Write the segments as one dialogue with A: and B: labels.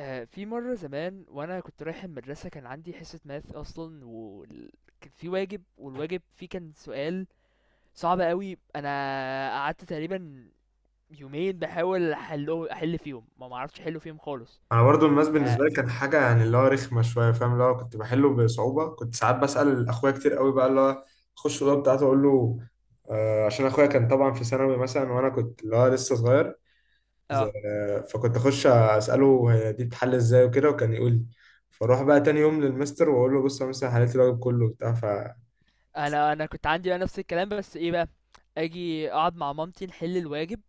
A: في مرة زمان وانا كنت رايح المدرسة كان عندي حصة ماث اصلا، وكان في واجب، والواجب فيه كان سؤال صعب قوي. انا قعدت تقريبا يومين بحاول احل فيهم، ما معرفتش احله فيهم خالص.
B: انا برضو الماس
A: ف
B: بالنسبه لي كان حاجه، يعني اللي هو رخمه شويه، فاهم؟ اللي هو كنت بحله بصعوبه. كنت ساعات بسال اخويا كتير قوي، بقى اللي هو اخش الاوضه بتاعته اقول له، عشان اخويا كان طبعا في ثانوي مثلا، وانا كنت اللي هو لسه صغير
A: اه
B: فكنت اخش اساله هي دي بتحل ازاي وكده، وكان يقول لي. فاروح بقى تاني يوم للمستر واقول له بص انا مثلا حليت الواجب كله وبتاع. فانتوا
A: انا كنت عندي بقى نفس الكلام، بس ايه بقى، اجي اقعد مع مامتي نحل الواجب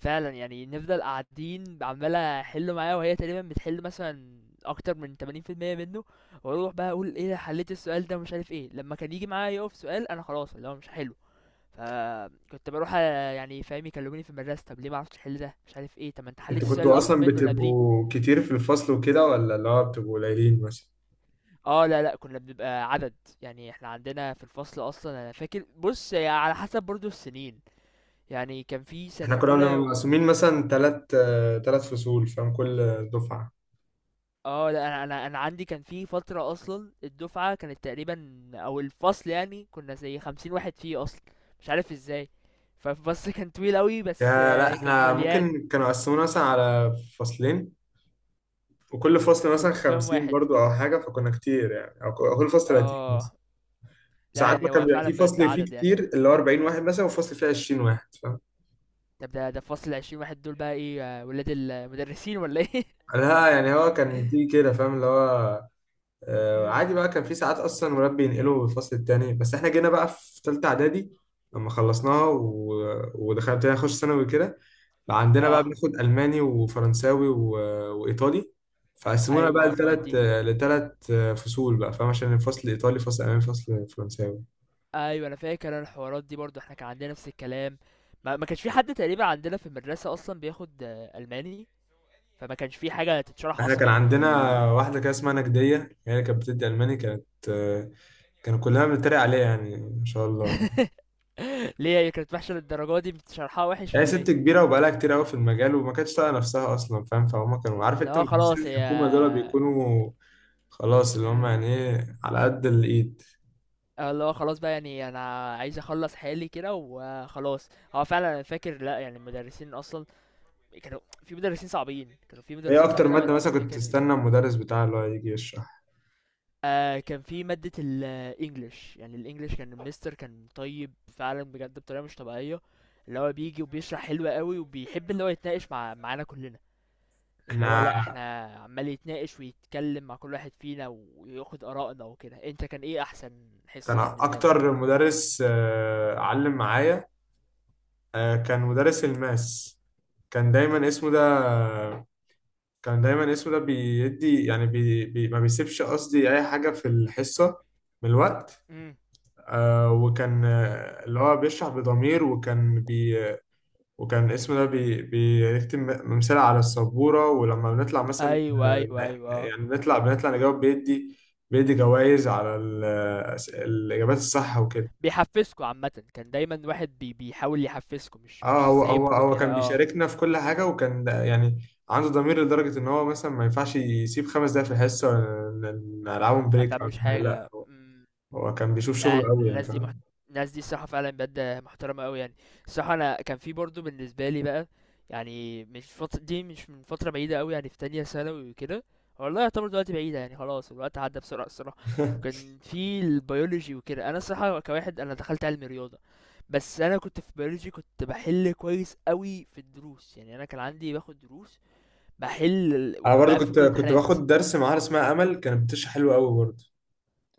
A: فعلًا. يعني نفضل قاعدين عمّال أحِل معاها، وهي تقريبًا بتحِل مثلًا أكتر من 80% منّه، وأروح بقى أقول إيه ده، حلّيت السؤال ده ومش عارف إيه. لمّا كان ييجي معايا يُقف سؤال، أنا خلاص اللي هو مش هاحِله. فكنت باروح يعني، فاهم، يكلّموني في المدرسة: "طَب ليه ما عرفتش تحِل ده؟ مش عارف إيه، طَب ما أنت حلّيت السؤال
B: كنتوا
A: الأصعب
B: اصلا
A: منّه اللي قبليه."
B: بتبقوا كتير في الفصل وكده، ولا اللي هو بتبقوا قليلين مثلا؟
A: آه، لأ، لأ، كُنّا بنبقى عدد. يعني إحنا عندنا في الفصل أصلًا، أنا فاكر، بُص، هي على حسب برضه السِنين. يعني كان في سَنة
B: احنا كنا بنبقى
A: أولى، و
B: مقسومين مثلا ثلاث فصول، فاهم؟ كل دفعه،
A: لأ، أنا عندي كان في فترة أصلًا، الدفعة كانت تقريبًا، أو الفصل يعني، كنا زي 50 واحد فيه أصلًا. مش عارف إزاي. فالفصل كان طويل أوي، بس
B: يا لا
A: آه، كان
B: احنا
A: مليان.
B: ممكن كانوا قسمونا مثلا على فصلين، وكل فصل مثلا
A: وكنتوا كام
B: خمسين
A: واحد؟
B: برضو او حاجة، فكنا كتير يعني، أو كل فصل 30 مثلا.
A: آه، لأ
B: ساعات ما
A: يعني
B: كان
A: هو
B: بيبقى
A: فعلًا
B: في
A: بجد
B: فصل فيه
A: عدد يعني.
B: كتير اللي هو 40 واحد مثلا، وفصل فيه 20 واحد، فاهم؟
A: طب ده، الفصل ال20 واحد دول بقى إيه، آه، ولاد المدرسين والّا إيه؟
B: لا يعني هو كان دي كده، فاهم اللي هو،
A: إمم،
B: عادي بقى. كان في ساعات اصلا المدرب بينقله الفصل التاني. بس احنا جينا بقى في تالتة اعدادي لما خلصناها ودخلنا ابتدينا نخش ثانوي كده. بقى عندنا بقى
A: آه،
B: بناخد الماني وفرنساوي وايطالي، فقسمونا بقى
A: أيوه، آه، المواد
B: لثلاث
A: دي.
B: لثلاث فصول بقى، فاهم؟ عشان الفصل الايطالي، فصل الماني، فصل فرنساوي.
A: أيوه، أنا فاكر، أنا الحوارات دي برضه، إحنا كان عندنا نفس الكلام. ما كانش في حد تقريبًا عندنا في المدرسة أصلًا بياخد آه، ألماني. فما كانش في حاجه تتشرح
B: احنا
A: اصلا
B: كان
A: يعني
B: عندنا
A: ال...
B: واحده كده اسمها نجديه، هي اللي كانت بتدي الماني، كانت كانوا كلنا بنتريق عليها يعني، ما شاء الله.
A: ليه هي كانت وحشه للدرجه دي؟ بتشرحها وحش
B: هي
A: ولا ايه؟
B: ست كبيرة وبقالها كتير قوي في المجال، وما كانتش طايقة نفسها أصلا، فاهم؟ فهم كانوا، عارف
A: اللي
B: أنت
A: هو
B: مدرسين
A: خلاص هي،
B: الحكومة دول بيكونوا خلاص اللي هم
A: امم،
B: يعني إيه، على قد الإيد.
A: اللي هو خلاص بقى يعني انا عايز اخلص حالي كده وخلاص. هو فعلا انا فاكر، لا يعني المدرسين اصلا كانوا، في مدرسين صعبين، كانوا في
B: هي
A: مدرسين
B: أكتر
A: صعبين قوي،
B: مادة
A: انا
B: مثلا كنت
A: فاكر.
B: تستنى المدرس بتاعها اللي هو يجي يشرح،
A: آه، كان في ماده الانجليش. يعني الانجليش كان المستر كان طيب فعلا بجد بطريقه مش طبيعيه، اللي هو بيجي وبيشرح حلو قوي، وبيحب اللي هو يتناقش معانا كلنا. اللي هو لأ،
B: إحنا
A: احنا عمال يتناقش ويتكلم مع كل واحد فينا وياخد آرائنا وكده. انت كان ايه أحسن
B: كان
A: حصة بالنسبة لك؟
B: أكتر مدرس علم معايا، كان مدرس الماس. كان دايما اسمه ده كان دايما اسمه ده بيدي، يعني بي ما بيسيبش، قصدي أي حاجة في الحصة من الوقت.
A: امم،
B: وكان اللي هو بيشرح بضمير، وكان اسمه ده بيكتب ممثلة على السبورة. ولما بنطلع مثلا،
A: أيوه،
B: آه،
A: أيوه، أيوه، آه،
B: يعني بنطلع نجاوب، بيدي جوائز على الإجابات الصح وكده.
A: بيحفزكوا عامةً، كان دايمًا واحد بي بيحاول يحفزكوا، مش
B: اه
A: مش
B: هو هو
A: سايبكوا
B: هو
A: كده
B: كان
A: آه،
B: بيشاركنا في كل حاجة، يعني عنده ضمير لدرجة إن هو مثلا ما ينفعش يسيب خمس دقايق في الحصة ونلعبهم
A: ما
B: بريك أو
A: بتعملوش
B: حاجة، لا.
A: حاجة،
B: هو كان بيشوف
A: لأ،
B: شغله أوي يعني،
A: الناس دي
B: فاهم.
A: محت... الناس دي الصراحة فعلًا بجد محترمة أوي يعني. الصراحة أنا كان في برضه بالنسبة لي بقى يعني، مش فت دي مش من فترة بعيدة أوي يعني، في تانية ثانوي وكده. والله يعتبر دلوقتي بعيدة يعني، خلاص الوقت عدّى بسرعة الصراحة. كان في الbiology وكده. أنا الصراحة كواحد، أنا دخلت علمي رياضة، بس أنا كنت في biology كنت باحل كويس أوي في الدروس. يعني أنا كان عندي باخد دروس، باحل ال،
B: انا برضو
A: وباقفل
B: كنت
A: كل
B: كنت
A: الامتحانات.
B: باخد درس معاها اسمها امل، كانت بتشرح حلو قوي برضو.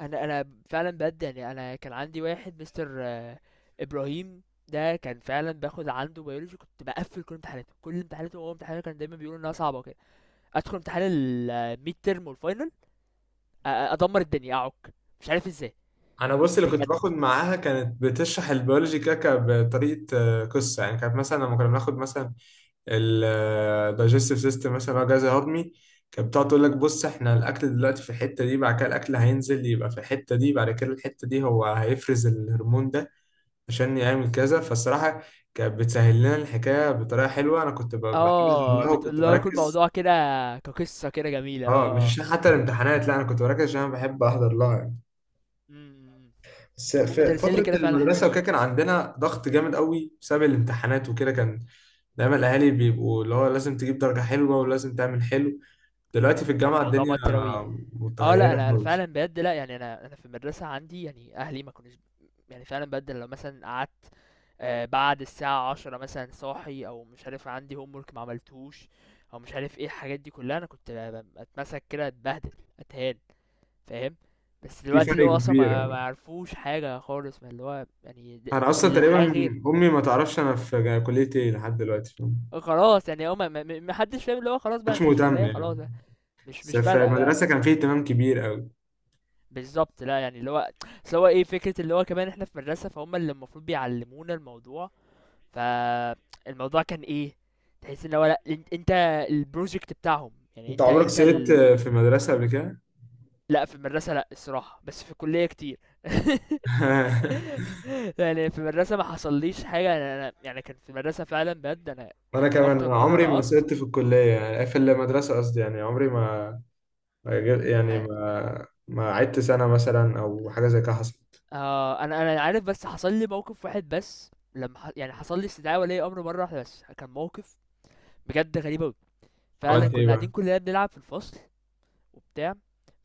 A: انا فعلا بجد يعني، انا كان عندي واحد مستر آه، ابراهيم. ده كان فعلا باخد عنده بيولوجي، كنت بقفل كل امتحاناته. هو امتحانه كان دايما بيقول انها صعبه وكده. ادخل امتحان الميد ترم والفاينل، ادمر الدنيا اعك، مش عارف ازاي.
B: انا بص، اللي كنت
A: بجد.
B: باخد معاها كانت بتشرح البيولوجي كاكا بطريقه، قصه يعني. كانت مثلا لما كنا بناخد مثلا الدايجستيف سيستم مثلا، اللي هو الجهاز الهضمي، كانت بتقعد تقول لك بص احنا الاكل دلوقتي في الحته دي، بعد كده الاكل هينزل يبقى في الحته دي، بعد كده الحته دي هو هيفرز الهرمون ده عشان يعمل كذا. فالصراحه كانت بتسهل لنا الحكايه بطريقه حلوه. انا كنت بحب احضر
A: اه،
B: لها، وكنت
A: بتقول له كل
B: بركز.
A: موضوع كده كقصه كده جميله،
B: اه، مش
A: اه، اه،
B: عشان حتى الامتحانات، لا، انا كنت بركز عشان انا بحب احضر لها يعني.
A: أمم.
B: بس
A: المهم
B: في
A: دارسين لي
B: فتره
A: كده فعلا حلوين
B: المدرسه وكده
A: اوي.
B: كان عندنا ضغط جامد قوي بسبب الامتحانات وكده. كان دايما الاهالي بيبقوا اللي هو لازم تجيب درجه حلوه، ولازم تعمل حلو. دلوقتي في
A: كان
B: الجامعه
A: الموضوع
B: الدنيا
A: موتر اوي. اه لا،
B: متغيره
A: انا أنا
B: خالص،
A: فعلا بجد، لا يعني، انا في المدرسه عندي يعني اهلي ما كانوش، يعني فعلا بجد لو مثلا قعدت آه، بعد الساعة 10 مثلا صاحي، أو مش عارف عندي homework معملتهوش، أو مش عارف ايه الحاجات دي كلها، أنا كنت أتمسك كده، أتبهدل، أتهان، فاهم. بس
B: في
A: دلوقتي اللي
B: فرق
A: هو أصلا
B: كبير
A: ما
B: يعني.
A: ما عرفوش حاجة خالص. ما اللي هو يعني،
B: انا اصلا تقريبا
A: الحياة غير.
B: امي ما تعرفش انا في كليه ايه لحد دلوقتي، فاهم؟
A: خلاص يعني هو، محدش فاهم اللي هو، خلاص
B: ما
A: بقى
B: كانتش
A: انت في
B: مهتم
A: كلية، خلاص
B: يعني،
A: بقى مش
B: بس
A: مش
B: في
A: فارقة بقى.
B: المدرسه كان فيه اهتمام كبير قوي.
A: بالظبط، لا يعني اللي هو، اصل هو ايه فكرة اللي هو كمان، احنا في مدرسة فهم اللي المفروض بيعلمونا الموضوع. فالموضوع كان ايه، تحس ان هو لا، انت البروجكت بتاعهم يعني،
B: انت
A: انت
B: عمرك
A: انت
B: سقطت
A: ال...
B: في المدرسه قبل كده؟
A: لا، في المدرسة لا الصراحة، بس في الكلية كتير. يعني في المدرسة ما حصليش حاجة، انا يعني كان في المدرسة فعلا بجد، انا
B: وانا
A: كان
B: كمان
A: اكتر
B: أنا
A: مرة
B: عمري ما
A: نقصت
B: سقطت في الكليه، يعني في المدرسه قصدي، يعني عمري ما يعني
A: يعني.
B: ما عدت سنه مثلا او حاجه زي كده حصلت.
A: آه، انا عارف، بس حصل لي موقف واحد بس لما يعني حصل لي استدعاء ولي امر مرة واحدة بس، كان موقف بجد غريب اوي. فعلا
B: عملت
A: كنا
B: ايه
A: قاعدين
B: بقى؟
A: كلنا بنلعب في الفصل وبتاع.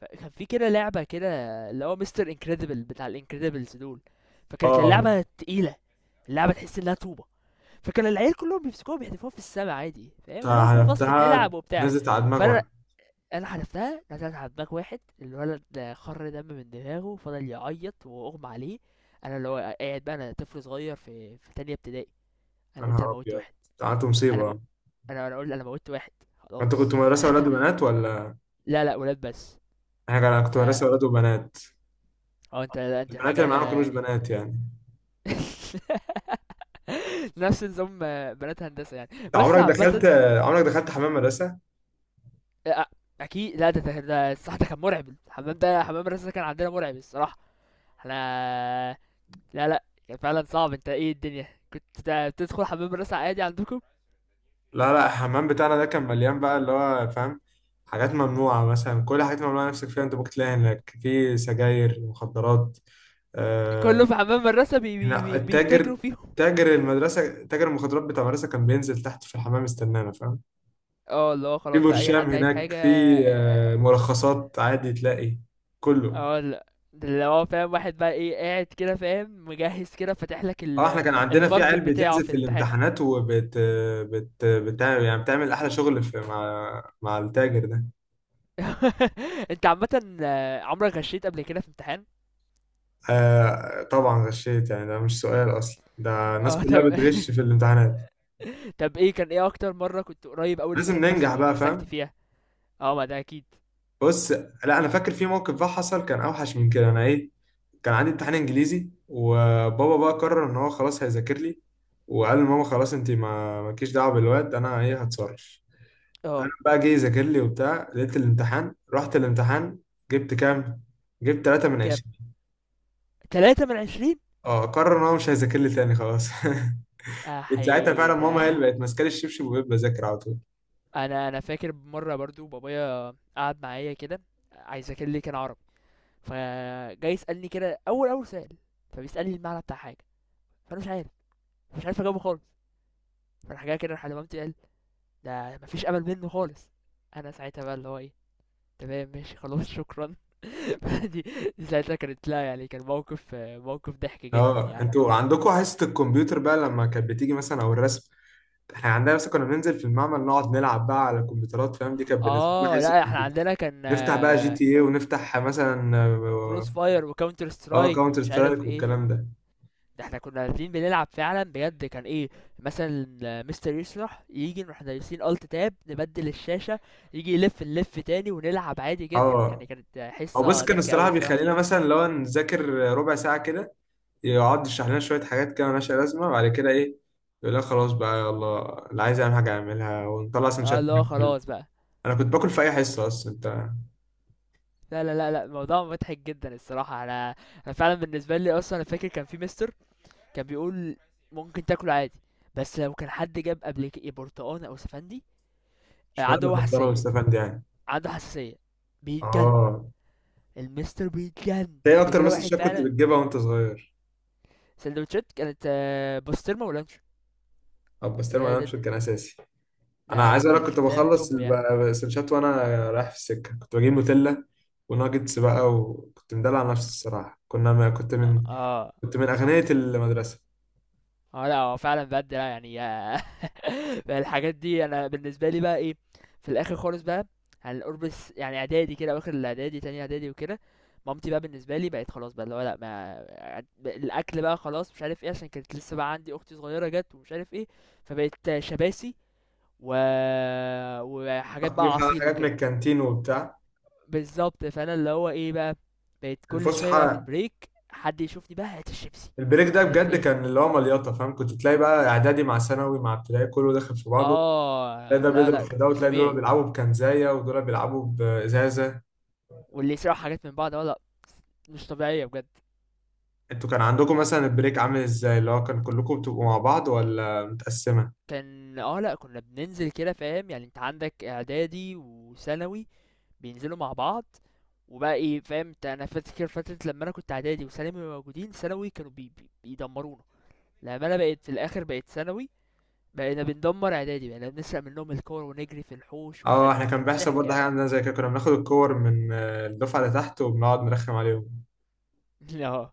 A: فكان في كده لعبة كده، اللي هو مستر انكريدبل بتاع الانكريدبلز دول. فكانت
B: اه،
A: اللعبة تقيلة، اللعبة تحس انها طوبة. فكان العيال كلهم بيمسكوها بيحدفوها في السما عادي، فاهم اللي هو، في الفصل
B: حلفتها،
A: بنلعب وبتاع.
B: نزلت على دماغي
A: فانا
B: وانا،
A: انا حذفتها، نزلت على دماغ واحد الولد ده، خر دم من دماغه، فضل يعيط واغمى عليه. انا اللي هو قاعد بقى، انا طفل صغير في تانية ابتدائي، انا
B: يا
A: قلت انا
B: نهار
A: موتت
B: ابيض،
A: واحد.
B: ده عملت
A: انا مو...
B: مصيبه.
A: انا قلت انا موتت واحد.
B: انت كنت
A: خلاص انا.
B: مدرسه ولاد وبنات، ولا
A: لا لا، ولاد بس.
B: حاجه؟ انا كنت
A: ف اه
B: مدرسه ولاد وبنات،
A: انت لا، انت
B: البنات
A: حاجة
B: اللي معانا ما كانوش
A: يعني.
B: بنات يعني.
A: نفس نظام بنات هندسة يعني،
B: انت
A: بس
B: عمرك دخلت
A: عامة.
B: عمرك دخلت حمام مدرسه؟
A: أ- أكيد، لا ده، ده الصح. ده كان مرعب، الحمام ده، حمام الرسا ده كان عندنا مرعب الصراحة. احنا، لا لا كان فعلا صعب. انت ايه الدنيا، كنت بتدخل حمام الرسا عادي عندكم؟
B: لا لا، الحمام بتاعنا ده كان مليان بقى اللي هو، فاهم، حاجات ممنوعة. مثلا كل حاجات ممنوعة نفسك فيها انت ممكن تلاقيها هناك، في سجاير، مخدرات،
A: كله
B: آه
A: في حمام الرسا بي بي
B: هنا
A: بي
B: التاجر.
A: بيتاجروا فيهم،
B: تاجر المدرسة، تاجر المخدرات بتاع المدرسة، كان بينزل تحت في الحمام يستنانا، فاهم.
A: اه. اللي هو
B: في
A: خلاص بقى اي
B: برشام
A: حد عايز
B: هناك،
A: حاجة،
B: في
A: اه.
B: ملخصات، عادي تلاقي كله.
A: اه، لا ده اللي هو فاهم، واحد بقى ايه قاعد كده فاهم مجهز، كده فاتح لك
B: اه،
A: ال-
B: احنا كان عندنا في عيال
A: الماركت بتاعه
B: بتنزل
A: في
B: في
A: الامتحان.
B: الامتحانات وبت بت بت يعني بتعمل احلى شغل في، مع مع التاجر ده.
A: أنت عامةً آه، عمرك غشيت قبل كده في امتحان؟
B: آه، طبعا غشيت يعني، ده مش سؤال اصلا، ده الناس
A: آه، طب.
B: كلها بتغش في الامتحانات،
A: طب إيه كان، إيه أكتر مرّة كنت قريب أوي إن أنت
B: لازم ننجح
A: تتمسك أو
B: بقى،
A: اتمسكت
B: فاهم.
A: فيها؟ آه، ما ده أكيد.
B: بص، لا، انا فاكر في موقف بقى حصل كان اوحش من كده، انا ايه، كان عندي امتحان انجليزي وبابا بقى قرر ان هو خلاص هيذاكر لي، وقال لماما خلاص انت ما مالكيش دعوه بالواد انا ايه هتصرف. انا
A: آه،
B: بقى جه يذاكر لي وبتاع، لقيت الامتحان، رحت الامتحان، جبت كام؟ جبت 3 من
A: كام؟
B: 20.
A: 3/20؟
B: اه، قرر ان هو مش هيذاكر لي تاني، خلاص.
A: يا
B: كنت ساعتها
A: حي
B: فعلا ماما هي
A: ده.
B: اللي بقت ماسكه لي الشبشب، وبقيت بذاكر على طول.
A: أنا فاكر مرّة برضه بابايا قعد معايا كده، عايز أذاكر لي، كان عربي. فجاي يسألني كده، أول سؤال، فبيسألني المعنى بتاع حاجة، فأنا مش عارف، مش عارف أجاوبه خالص. فراح جاي كده راح لمامتي قال: "ده ما فيش أمل منه خالص." أنا ساعتها بقى اللي هو إيه، تمام ماشي خلاص شكرًا. دي دي ساعتها كانت لا يعني، كان موقف، موقف ضحك جدا
B: اه،
A: يعني.
B: انتوا عندكم حصة الكمبيوتر بقى لما كانت بتيجي مثلا، او الرسم؟ احنا عندنا مثلا كنا بننزل في المعمل نقعد نلعب بقى على الكمبيوترات، فاهم؟ دي كانت بالنسبة لنا
A: اه
B: حصة
A: لا، احنا
B: الكمبيوتر.
A: عندنا كان
B: نفتح بقى جي تي ايه، ونفتح مثلا
A: كروس فاير وكاونتر سترايك
B: كاونتر
A: ومش
B: سترايك
A: عارف ايه
B: والكلام ده.
A: ده. احنا كنا نازلين بنلعب فعلا بجد. كان ايه، مثلا مستر يشرح، يجي نروح دايسين الت تاب نبدل الشاشة، يجي يلف نلف تاني ونلعب عادي جدا يعني.
B: اه،
A: كانت
B: او بس
A: حصة
B: كان
A: ضحكة قوي
B: الصراحة
A: الصراحة،
B: بيخلينا مثلا لو نذاكر ربع ساعة كده، يقعد يشرح لنا شوية حاجات كده مالهاش لازمة، بعد كده ايه، يقول لك خلاص بقى يلا، اللي عايز يعمل حاجة يعملها ونطلع
A: اه.
B: سندوتشات
A: اللي هو
B: ناكل.
A: خلاص بقى.
B: انا كنت باكل في اي حصة اصلا انت.
A: لا، لا، لا، لا، الموضوع مضحك جدا الصراحة. انا فعلا بالنسبة لي اصلا، انا فاكر كان في مستر كان بيقول ممكن تاكله عادي، بس لو كان حد جاب قبل كده برتقان او سفندي آه، عنده
B: اشمعنى
A: هو
B: كنت انا
A: حساسيه.
B: مستفاد يعني.
A: عنده حساسيه بيتجن.
B: اه،
A: المستر بيتجن
B: ايه
A: قبل
B: اكتر
A: كده
B: مسج
A: واحد
B: شات كنت
A: فعلا.
B: بتجيبها وانت صغير؟
A: سندوتشات كانت آه، بسطرمه ولانشون.
B: بس
A: ده
B: ما
A: ده ده,
B: انشر كان اساسي. انا
A: ده, ده,
B: عايز اقول
A: ده
B: لك كنت
A: فاهم
B: بخلص
A: التوب يعني،
B: السنشات وانا رايح في السكه كنت بجيب نوتيلا وناجتس بقى، وكنت مدلع نفسي الصراحه. كنا ما كنت من
A: اه،
B: كنت من اغنيه المدرسه.
A: اه. لأ هو فعلًا بجد لأ يعني. بقى الحاجات دي أنا بالنسبة لي بقى إيه، في الآخر خالص بقى، على قرب يعني إعدادي كده أواخر الإعدادي، تانية إعدادي وكده. مامتي بقى بالنسبة لي بقت خلاص بقى اللي هو لأ، ما الأكل بقى خلاص مش عارف إيه، عشان كانت لسه بقى عندي أختي صغيرة جات ومش عارف إيه. فبقت شباسي، و، وحاجات
B: اجيب
A: بقى عصير
B: حاجات من
A: وكده.
B: الكانتين وبتاع
A: بالضبط، فأنا اللي هو إيه بقى، بقيت كل شوية بقى في
B: الفسحه.
A: البريك، حد يشوفني بقى هات الشيبسي،
B: البريك ده
A: مش عارف
B: بجد
A: إيه.
B: كان اللي هو مليطه، فاهم؟ كنت تلاقي بقى اعدادي مع ثانوي مع ابتدائي كله داخل في بعضه. تلاقي
A: آه،
B: ده
A: لأ،
B: بيضرب
A: لأ،
B: في
A: كان
B: ده،
A: مش
B: وتلاقي دول
A: طبيعي.
B: بيلعبوا بكنزايه ودول بيلعبوا بازازه.
A: واللي يسرقوا حاجات من بعض، اه، لأ، مش طبيعية بجد.
B: انتوا كان عندكم مثلا البريك عامل ازاي؟ اللي هو كان كلكم بتبقوا مع بعض، ولا متقسمة؟
A: كان اه، لأ كنا بننزل كده فاهم، يعني انت عندك اعدادي وثانوي بينزلوا مع بعض، وبقى ايه فاهم انت. انا فاكر فترة لما انا كنت اعدادي وثانوي موجودين، ثانوي كانوا بي بيدمرونا. لما انا بقيت في الاخر بقيت ثانوي، بقينا بندمر اعدادي، بقينا بنسرق منهم الكور ونجري في الحوش ومش
B: اه،
A: عارف.
B: احنا كان
A: كان
B: بيحصل
A: الضحك
B: برضه حاجة
A: يعني.
B: عندنا زي كده، كنا بناخد الكور من الدفعة اللي تحت وبنقعد نرخم عليهم.
A: اه.